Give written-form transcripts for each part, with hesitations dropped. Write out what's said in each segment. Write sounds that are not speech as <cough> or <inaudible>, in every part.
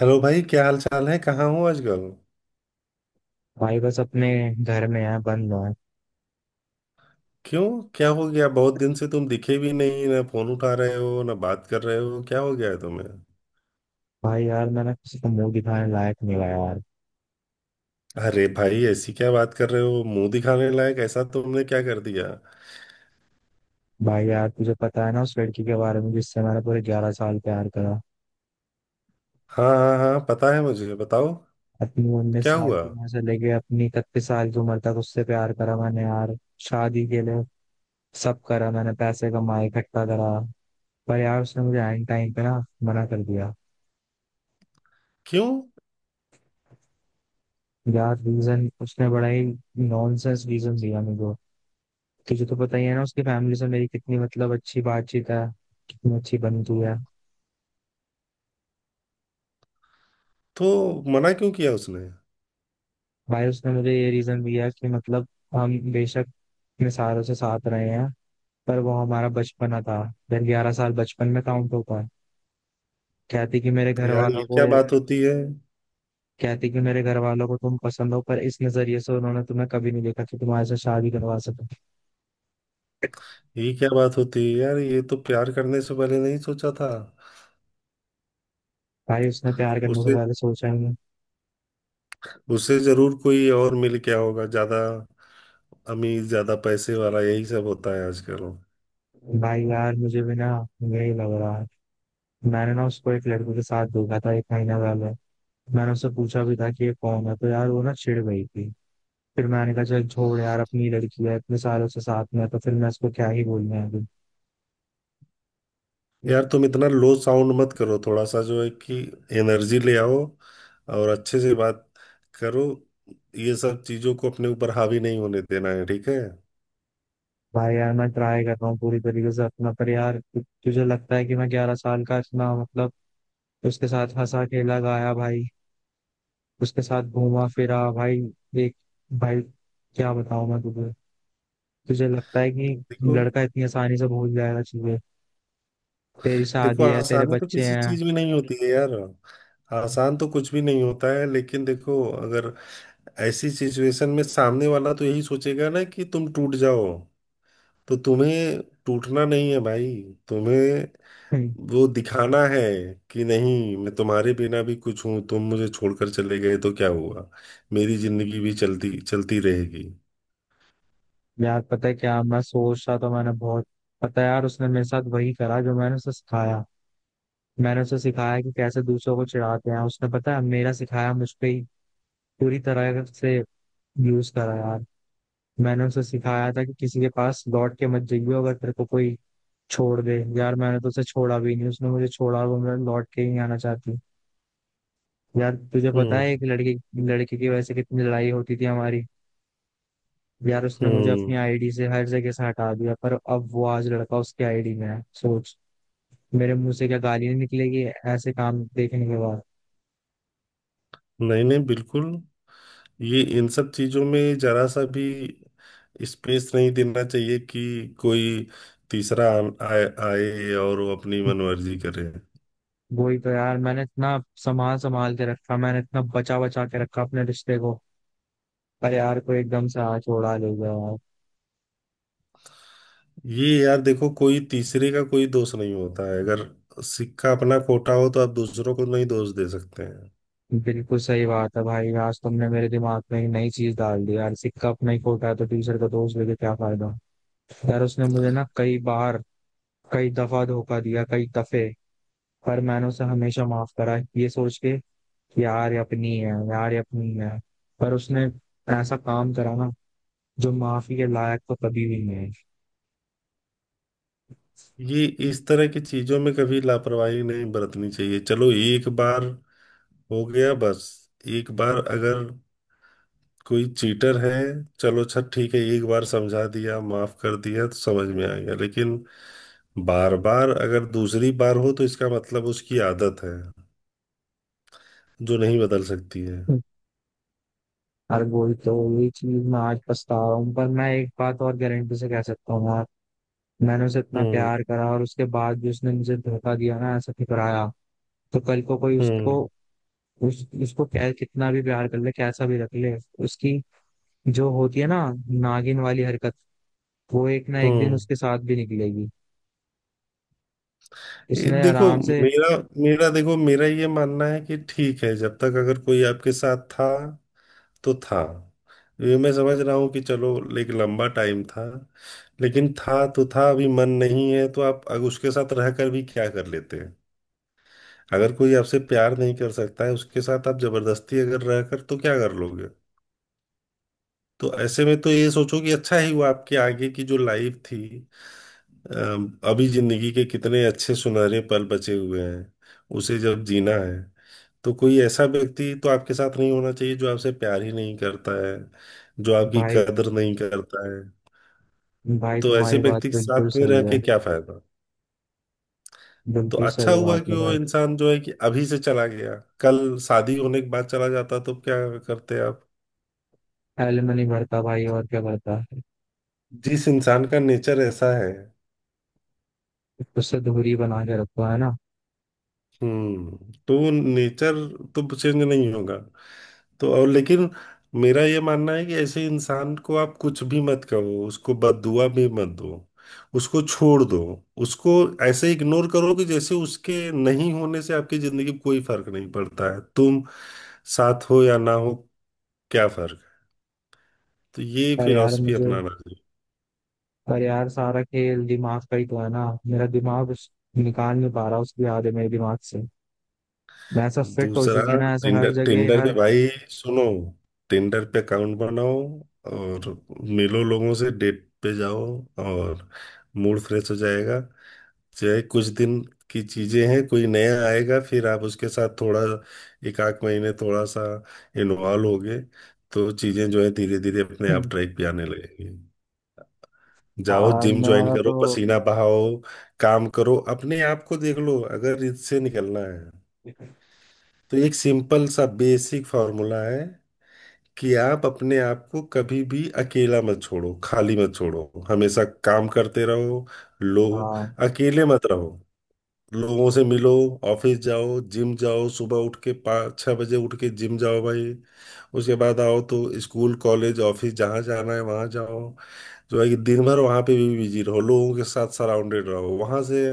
Hello भाई, क्या हाल चाल है? कहाँ हो आजकल? भाई बस अपने घर में है बंद है। क्यों? क्या हो गया, बहुत दिन से तुम दिखे भी नहीं, ना फोन उठा रहे हो, ना बात कर रहे हो। क्या हो गया है तुम्हें? भाई यार मैंने किसी को मुंह दिखाने लायक नहीं हुआ यार। अरे भाई, ऐसी क्या बात कर रहे हो? मुंह दिखाने लायक, ऐसा तुमने क्या कर दिया? भाई यार तुझे पता है ना, उस लड़की के बारे में जिससे मैंने पूरे 11 साल प्यार करा। हाँ हाँ हाँ, पता है मुझे, बताओ। अपनी उन्नीस क्या साल हुआ? की उम्र से लेके अपनी 31 साल की उम्र तक उससे प्यार करा मैंने यार। शादी के लिए सब करा, मैंने पैसे कमाए, इकट्ठा करा। पर यार उसने मुझे एंड टाइम पे ना मना कर दिया। क्यों? यार रीजन उसने बड़ा ही नॉनसेंस रीजन दिया मुझे। तुझे तो पता ही है ना, उसकी फैमिली से मेरी कितनी मतलब अच्छी बातचीत है, कितनी अच्छी बनती है। तो मना क्यों किया उसने? भाई उसने मुझे ये रीजन दिया कि मतलब हम बेशक अपने सारों से साथ रहे हैं, पर वो हमारा बचपना था। फिर 11 साल बचपन में काउंट होता है। कहती कि मेरे घर यार ये वालों को, क्या बात होती है। कहती कि मेरे घर वालों को तुम पसंद हो, पर इस नजरिए से उन्होंने तुम्हें कभी नहीं देखा कि तुम्हारे से शादी करवा सके। ये क्या बात होती है यार, ये तो प्यार करने से पहले नहीं सोचा था। भाई उसने प्यार करने से उसे पहले सोचा ही नहीं। उसे जरूर कोई और मिल गया होगा, ज्यादा अमीर, ज्यादा पैसे वाला, यही सब होता है आजकल। भाई यार मुझे भी ना यही लग रहा है। मैंने ना उसको एक लड़के के साथ देखा था एक महीना पहले। मैंने उससे पूछा भी था कि ये कौन है, तो यार वो ना चिढ़ गई थी। फिर मैंने कहा चल छोड़ यार, अपनी लड़की है, इतने सालों से साथ में है, तो फिर मैं इसको क्या ही बोलना है अभी। यार, तुम इतना लो साउंड मत करो, थोड़ा सा जो है कि एनर्जी ले आओ और अच्छे से बात करो। ये सब चीजों को अपने ऊपर हावी नहीं होने देना है, ठीक है। भाई यार मैं ट्राई कर रहा हूँ पूरी तरीके से अपना, पर यार तुझे लगता है कि मैं 11 साल का इतना मतलब उसके साथ हंसा खेला गाया भाई, उसके साथ घूमा फिरा भाई। देख भाई, क्या बताऊं मैं तुझे, तुझे लगता है कि देखो लड़का इतनी आसानी से भूल जाएगा चीजें? तेरी देखो शादी है, तेरे आसानी तो बच्चे किसी हैं। चीज में नहीं होती है यार, आसान तो कुछ भी नहीं होता है। लेकिन देखो, अगर ऐसी सिचुएशन में सामने वाला तो यही सोचेगा ना कि तुम टूट जाओ, तो तुम्हें टूटना नहीं है भाई। तुम्हें हम्म। वो दिखाना है कि नहीं, मैं तुम्हारे बिना भी कुछ हूं। तुम मुझे छोड़कर चले गए तो क्या हुआ, मेरी जिंदगी भी चलती चलती रहेगी। यार पता है क्या मैं सोच रहा, तो मैंने बहुत, पता है यार उसने मेरे साथ वही करा जो मैंने उसे सिखाया। मैंने उसे सिखाया कि कैसे दूसरों को चिढ़ाते हैं, उसने पता है मेरा सिखाया मुझ पे ही पूरी तरह से यूज करा यार। मैंने उसे सिखाया था कि किसी के पास लौट के मत जाइयो अगर तेरे को कोई छोड़ दे। यार मैंने तो उसे छोड़ा भी नहीं, उसने मुझे छोड़ा, और वो मेरे लौट के ही नहीं आना चाहती। यार तुझे पता हम्म। है एक लड़के लड़के की वजह से कितनी लड़ाई होती थी हमारी। यार उसने मुझे हम्म। अपनी आईडी से हर जगह से हटा दिया, पर अब वो आज लड़का उसकी आईडी में है, सोच। मेरे मुंह से क्या गालियां निकलेगी ऐसे काम देखने के बाद। नहीं नहीं, बिल्कुल। ये इन सब चीजों में जरा सा भी स्पेस नहीं देना चाहिए कि कोई तीसरा आए, आए और वो अपनी मनमर्जी करे। वही तो यार, मैंने इतना संभाल संभाल के रखा, मैंने इतना बचा बचा के रखा अपने रिश्ते को। पर यार कोई एकदम से हाथ उड़ा ले गया यार। ये यार देखो, कोई तीसरे का कोई दोष नहीं होता है। अगर सिक्का अपना खोटा हो तो आप दूसरों को नहीं दोष दे सकते हैं। बिल्कुल सही बात है भाई, आज तुमने मेरे दिमाग में एक नई चीज डाल दी यार, सिक्का अपना ही खोटा है तो दूसरे का दोष लेके क्या फायदा। यार उसने मुझे ना कई बार, कई दफा धोखा दिया, कई दफे। पर मैंने उसे हमेशा माफ करा ये सोच के कि यार ये अपनी है, यार ये अपनी है। पर उसने ऐसा काम करा ना जो माफी के लायक तो कभी भी नहीं ये इस तरह की चीजों में कभी लापरवाही नहीं बरतनी चाहिए। चलो, एक बार हो गया बस। एक बार अगर कोई चीटर है, चलो अच्छा, ठीक है, एक बार समझा दिया, माफ कर दिया, तो समझ में आ गया। लेकिन बार बार, अगर दूसरी बार हो तो इसका मतलब उसकी आदत है, जो नहीं बदल सकती है। है। यार वही तो, यही चीज मैं आज पछता रहा हूँ। पर मैं एक बात और गारंटी से कह सकता हूँ यार, मैंने उसे इतना हम्म। प्यार करा और उसके बाद भी उसने मुझे धोखा दिया ना, ऐसा ठुकराया। तो कल को कोई उसको, हम्म। उस उसको क्या कितना भी प्यार कर ले, कैसा भी रख ले, उसकी जो होती है ना नागिन वाली हरकत वो एक ना एक दिन हम्म। उसके साथ भी निकलेगी। ये इसने देखो, आराम से मेरा मेरा देखो, मेरा ये मानना है कि ठीक है, जब तक अगर कोई आपके साथ था तो था। ये मैं समझ रहा हूँ कि चलो, एक लंबा टाइम था, लेकिन था तो था। अभी मन नहीं है तो आप अगर उसके साथ रहकर भी क्या कर लेते हैं? अगर कोई आपसे प्यार नहीं कर सकता है, उसके साथ आप जबरदस्ती अगर रहकर तो क्या कर लोगे? तो ऐसे में तो ये सोचो कि अच्छा ही हुआ। आपके आगे की जो लाइफ थी, अभी जिंदगी के कितने अच्छे सुनहरे पल बचे हुए हैं, उसे जब जीना है, तो कोई ऐसा व्यक्ति तो आपके साथ नहीं होना चाहिए जो आपसे प्यार ही नहीं करता है, जो आपकी भाई। कदर नहीं करता है। भाई तो ऐसे तुम्हारी बात व्यक्ति के बिल्कुल साथ में सही रह के है। क्या फायदा? तो बिल्कुल अच्छा सही हुआ बात कि है वो भाई। इंसान जो है कि अभी से चला गया। कल शादी होने के बाद चला जाता तो क्या करते आप? एलिमनी भरता भाई, और क्या भरता। जिस इंसान का नेचर ऐसा है, उससे दूरी बना के रखो है ना। हम्म, तो नेचर तो चेंज नहीं होगा। तो और लेकिन मेरा ये मानना है कि ऐसे इंसान को आप कुछ भी मत कहो, उसको बददुआ भी मत दो। उसको छोड़ दो, उसको ऐसे इग्नोर करो कि जैसे उसके नहीं होने से आपकी जिंदगी में कोई फर्क नहीं पड़ता है। तुम साथ हो या ना हो, क्या फर्क है? तो ये अरे यार फिलॉसफी मुझे, अपनाना चाहिए। पर यार सारा खेल दिमाग का ही तो है ना, मेरा दिमाग उस निकाल नहीं पा रहा, उसकी याद है मेरे दिमाग से। मैं ऐसा फिट हो दूसरा, चुकी है ना, ऐसे हर टिंडर जगह टिंडर पे हर <laughs> भाई, सुनो, टिंडर पे अकाउंट बनाओ और मिलो लोगों से, डेट पे जाओ और मूड फ्रेश हो जाएगा। चाहे कुछ दिन की चीजें हैं, कोई नया आएगा, फिर आप उसके साथ थोड़ा एक आध महीने थोड़ा सा इन्वॉल्व होगे, तो चीजें जो है धीरे धीरे अपने आप ट्रैक पे आने लगेंगी। जाओ जिम ज्वाइन मैं करो, तो, पसीना बहाओ, काम करो, अपने आप को देख लो। अगर इससे निकलना है तो एक सिंपल सा बेसिक फॉर्मूला है कि आप अपने आप को कभी भी अकेला मत छोड़ो, खाली मत छोड़ो, हमेशा काम करते रहो। लो, हाँ। अकेले मत रहो, लोगों से मिलो, ऑफिस जाओ, जिम जाओ, सुबह उठ के पाँच छः बजे उठ के जिम जाओ भाई। उसके बाद आओ तो स्कूल, कॉलेज, ऑफिस, जहाँ जाना है वहाँ जाओ। जो है कि दिन भर वहाँ पे भी बिजी रहो, लोगों के साथ सराउंडेड रहो। वहाँ से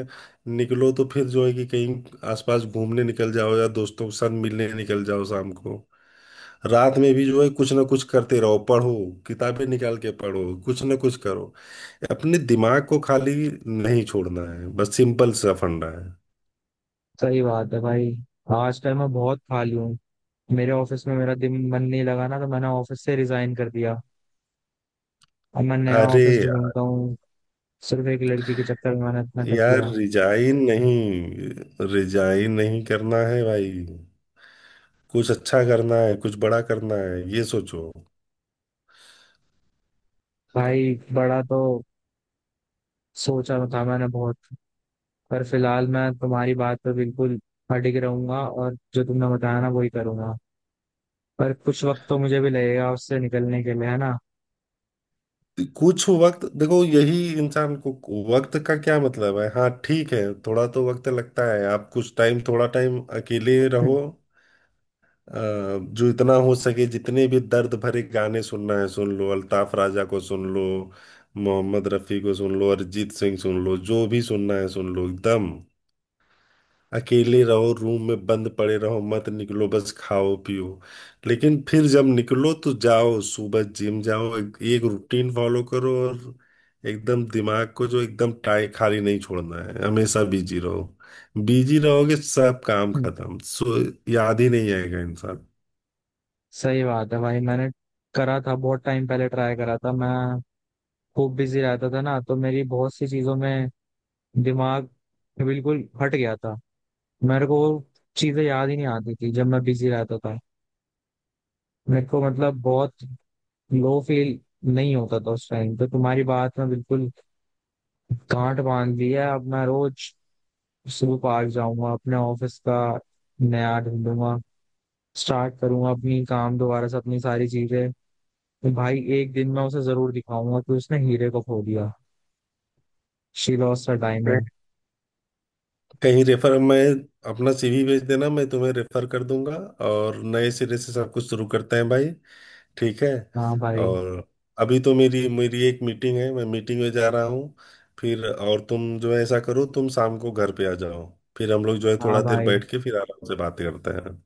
निकलो तो फिर जो है कि कहीं आसपास घूमने निकल जाओ, या दोस्तों के साथ मिलने निकल जाओ शाम को। रात में भी जो है, कुछ ना कुछ करते रहो, पढ़ो, किताबें निकाल के पढ़ो, कुछ ना कुछ करो। अपने दिमाग को खाली नहीं छोड़ना है, बस सिंपल सा फंडा है। सही बात है भाई, आज टाइम मैं बहुत खाली हूँ। मेरे ऑफिस में मेरा दिन मन नहीं लगा ना, तो मैंने ऑफिस से रिजाइन कर दिया। अब मैं नया अरे ऑफिस ढूंढता हूँ। सिर्फ एक लड़की के चक्कर में मैंने इतना कर यार, दिया। रिजाइन नहीं करना है भाई, कुछ अच्छा करना है, कुछ बड़ा करना है, ये सोचो। भाई बड़ा तो सोचा था मैंने बहुत, पर फिलहाल मैं तुम्हारी बात पर बिल्कुल अडिग रहूंगा और जो तुमने बताया ना वही करूंगा। पर कुछ वक्त तो मुझे भी लगेगा उससे निकलने के लिए, है ना। कुछ वक्त, देखो यही, इंसान को वक्त का क्या मतलब है? हाँ ठीक है, थोड़ा तो वक्त लगता है। आप कुछ टाइम, थोड़ा टाइम अकेले रहो। हम्म, अ, जो इतना हो सके, जितने भी दर्द भरे गाने सुनना है सुन लो, अल्ताफ राजा को सुन लो, मोहम्मद रफ़ी को सुन लो, अरिजीत सिंह सुन लो, जो भी सुनना है सुन लो एकदम। अकेले रहो, रूम में बंद पड़े रहो, मत निकलो, बस खाओ पियो। लेकिन फिर जब निकलो तो जाओ, सुबह जिम जाओ, एक रूटीन फॉलो करो और एकदम दिमाग को जो एकदम टाई खाली नहीं छोड़ना है, हमेशा बिजी रहो। बिजी रहोगे, सब काम हम्म। खत्म, सो याद ही नहीं आएगा इंसान। सही बात है भाई, मैंने करा था बहुत टाइम पहले, ट्राई करा था। मैं खूब बिजी रहता था ना, तो मेरी बहुत सी चीजों में दिमाग बिल्कुल हट गया था। मेरे को वो चीजें याद ही नहीं आती थी जब मैं बिजी रहता था। मेरे को मतलब बहुत लो फील नहीं होता था उस टाइम। तो तुम्हारी बात में बिल्कुल गांठ बांध ली है। अब मैं रोज जू पार्क जाऊंगा, अपने ऑफिस का नया ढूंढूंगा, स्टार्ट करूंगा अपनी काम दोबारा से, अपनी सारी चीजें। तो भाई एक दिन मैं उसे जरूर दिखाऊंगा कि उसने हीरे को खो दिया। शी लॉस्ट हर कहीं, डायमंड। कहीं रेफर, मैं अपना सीवी भेज देना, मैं तुम्हें रेफर कर दूंगा और नए सिरे से सब कुछ शुरू करते हैं भाई, ठीक है। हाँ भाई। और अभी तो मेरी मेरी एक मीटिंग है, मैं मीटिंग में जा रहा हूँ। फिर और तुम जो है ऐसा करो, तुम शाम को घर पे आ जाओ, फिर हम लोग जो है थोड़ा हाँ देर भाई, बैठ के फिर आराम से बातें करते हैं।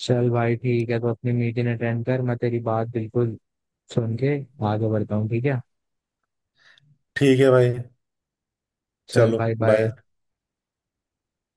चल भाई ठीक है, तो अपनी मीटिंग अटेंड कर। मैं तेरी बात बिल्कुल सुन के आगे बढ़ता हूँ, ठीक है। ठीक है भाई। चल चलो, भाई बाय। बाय।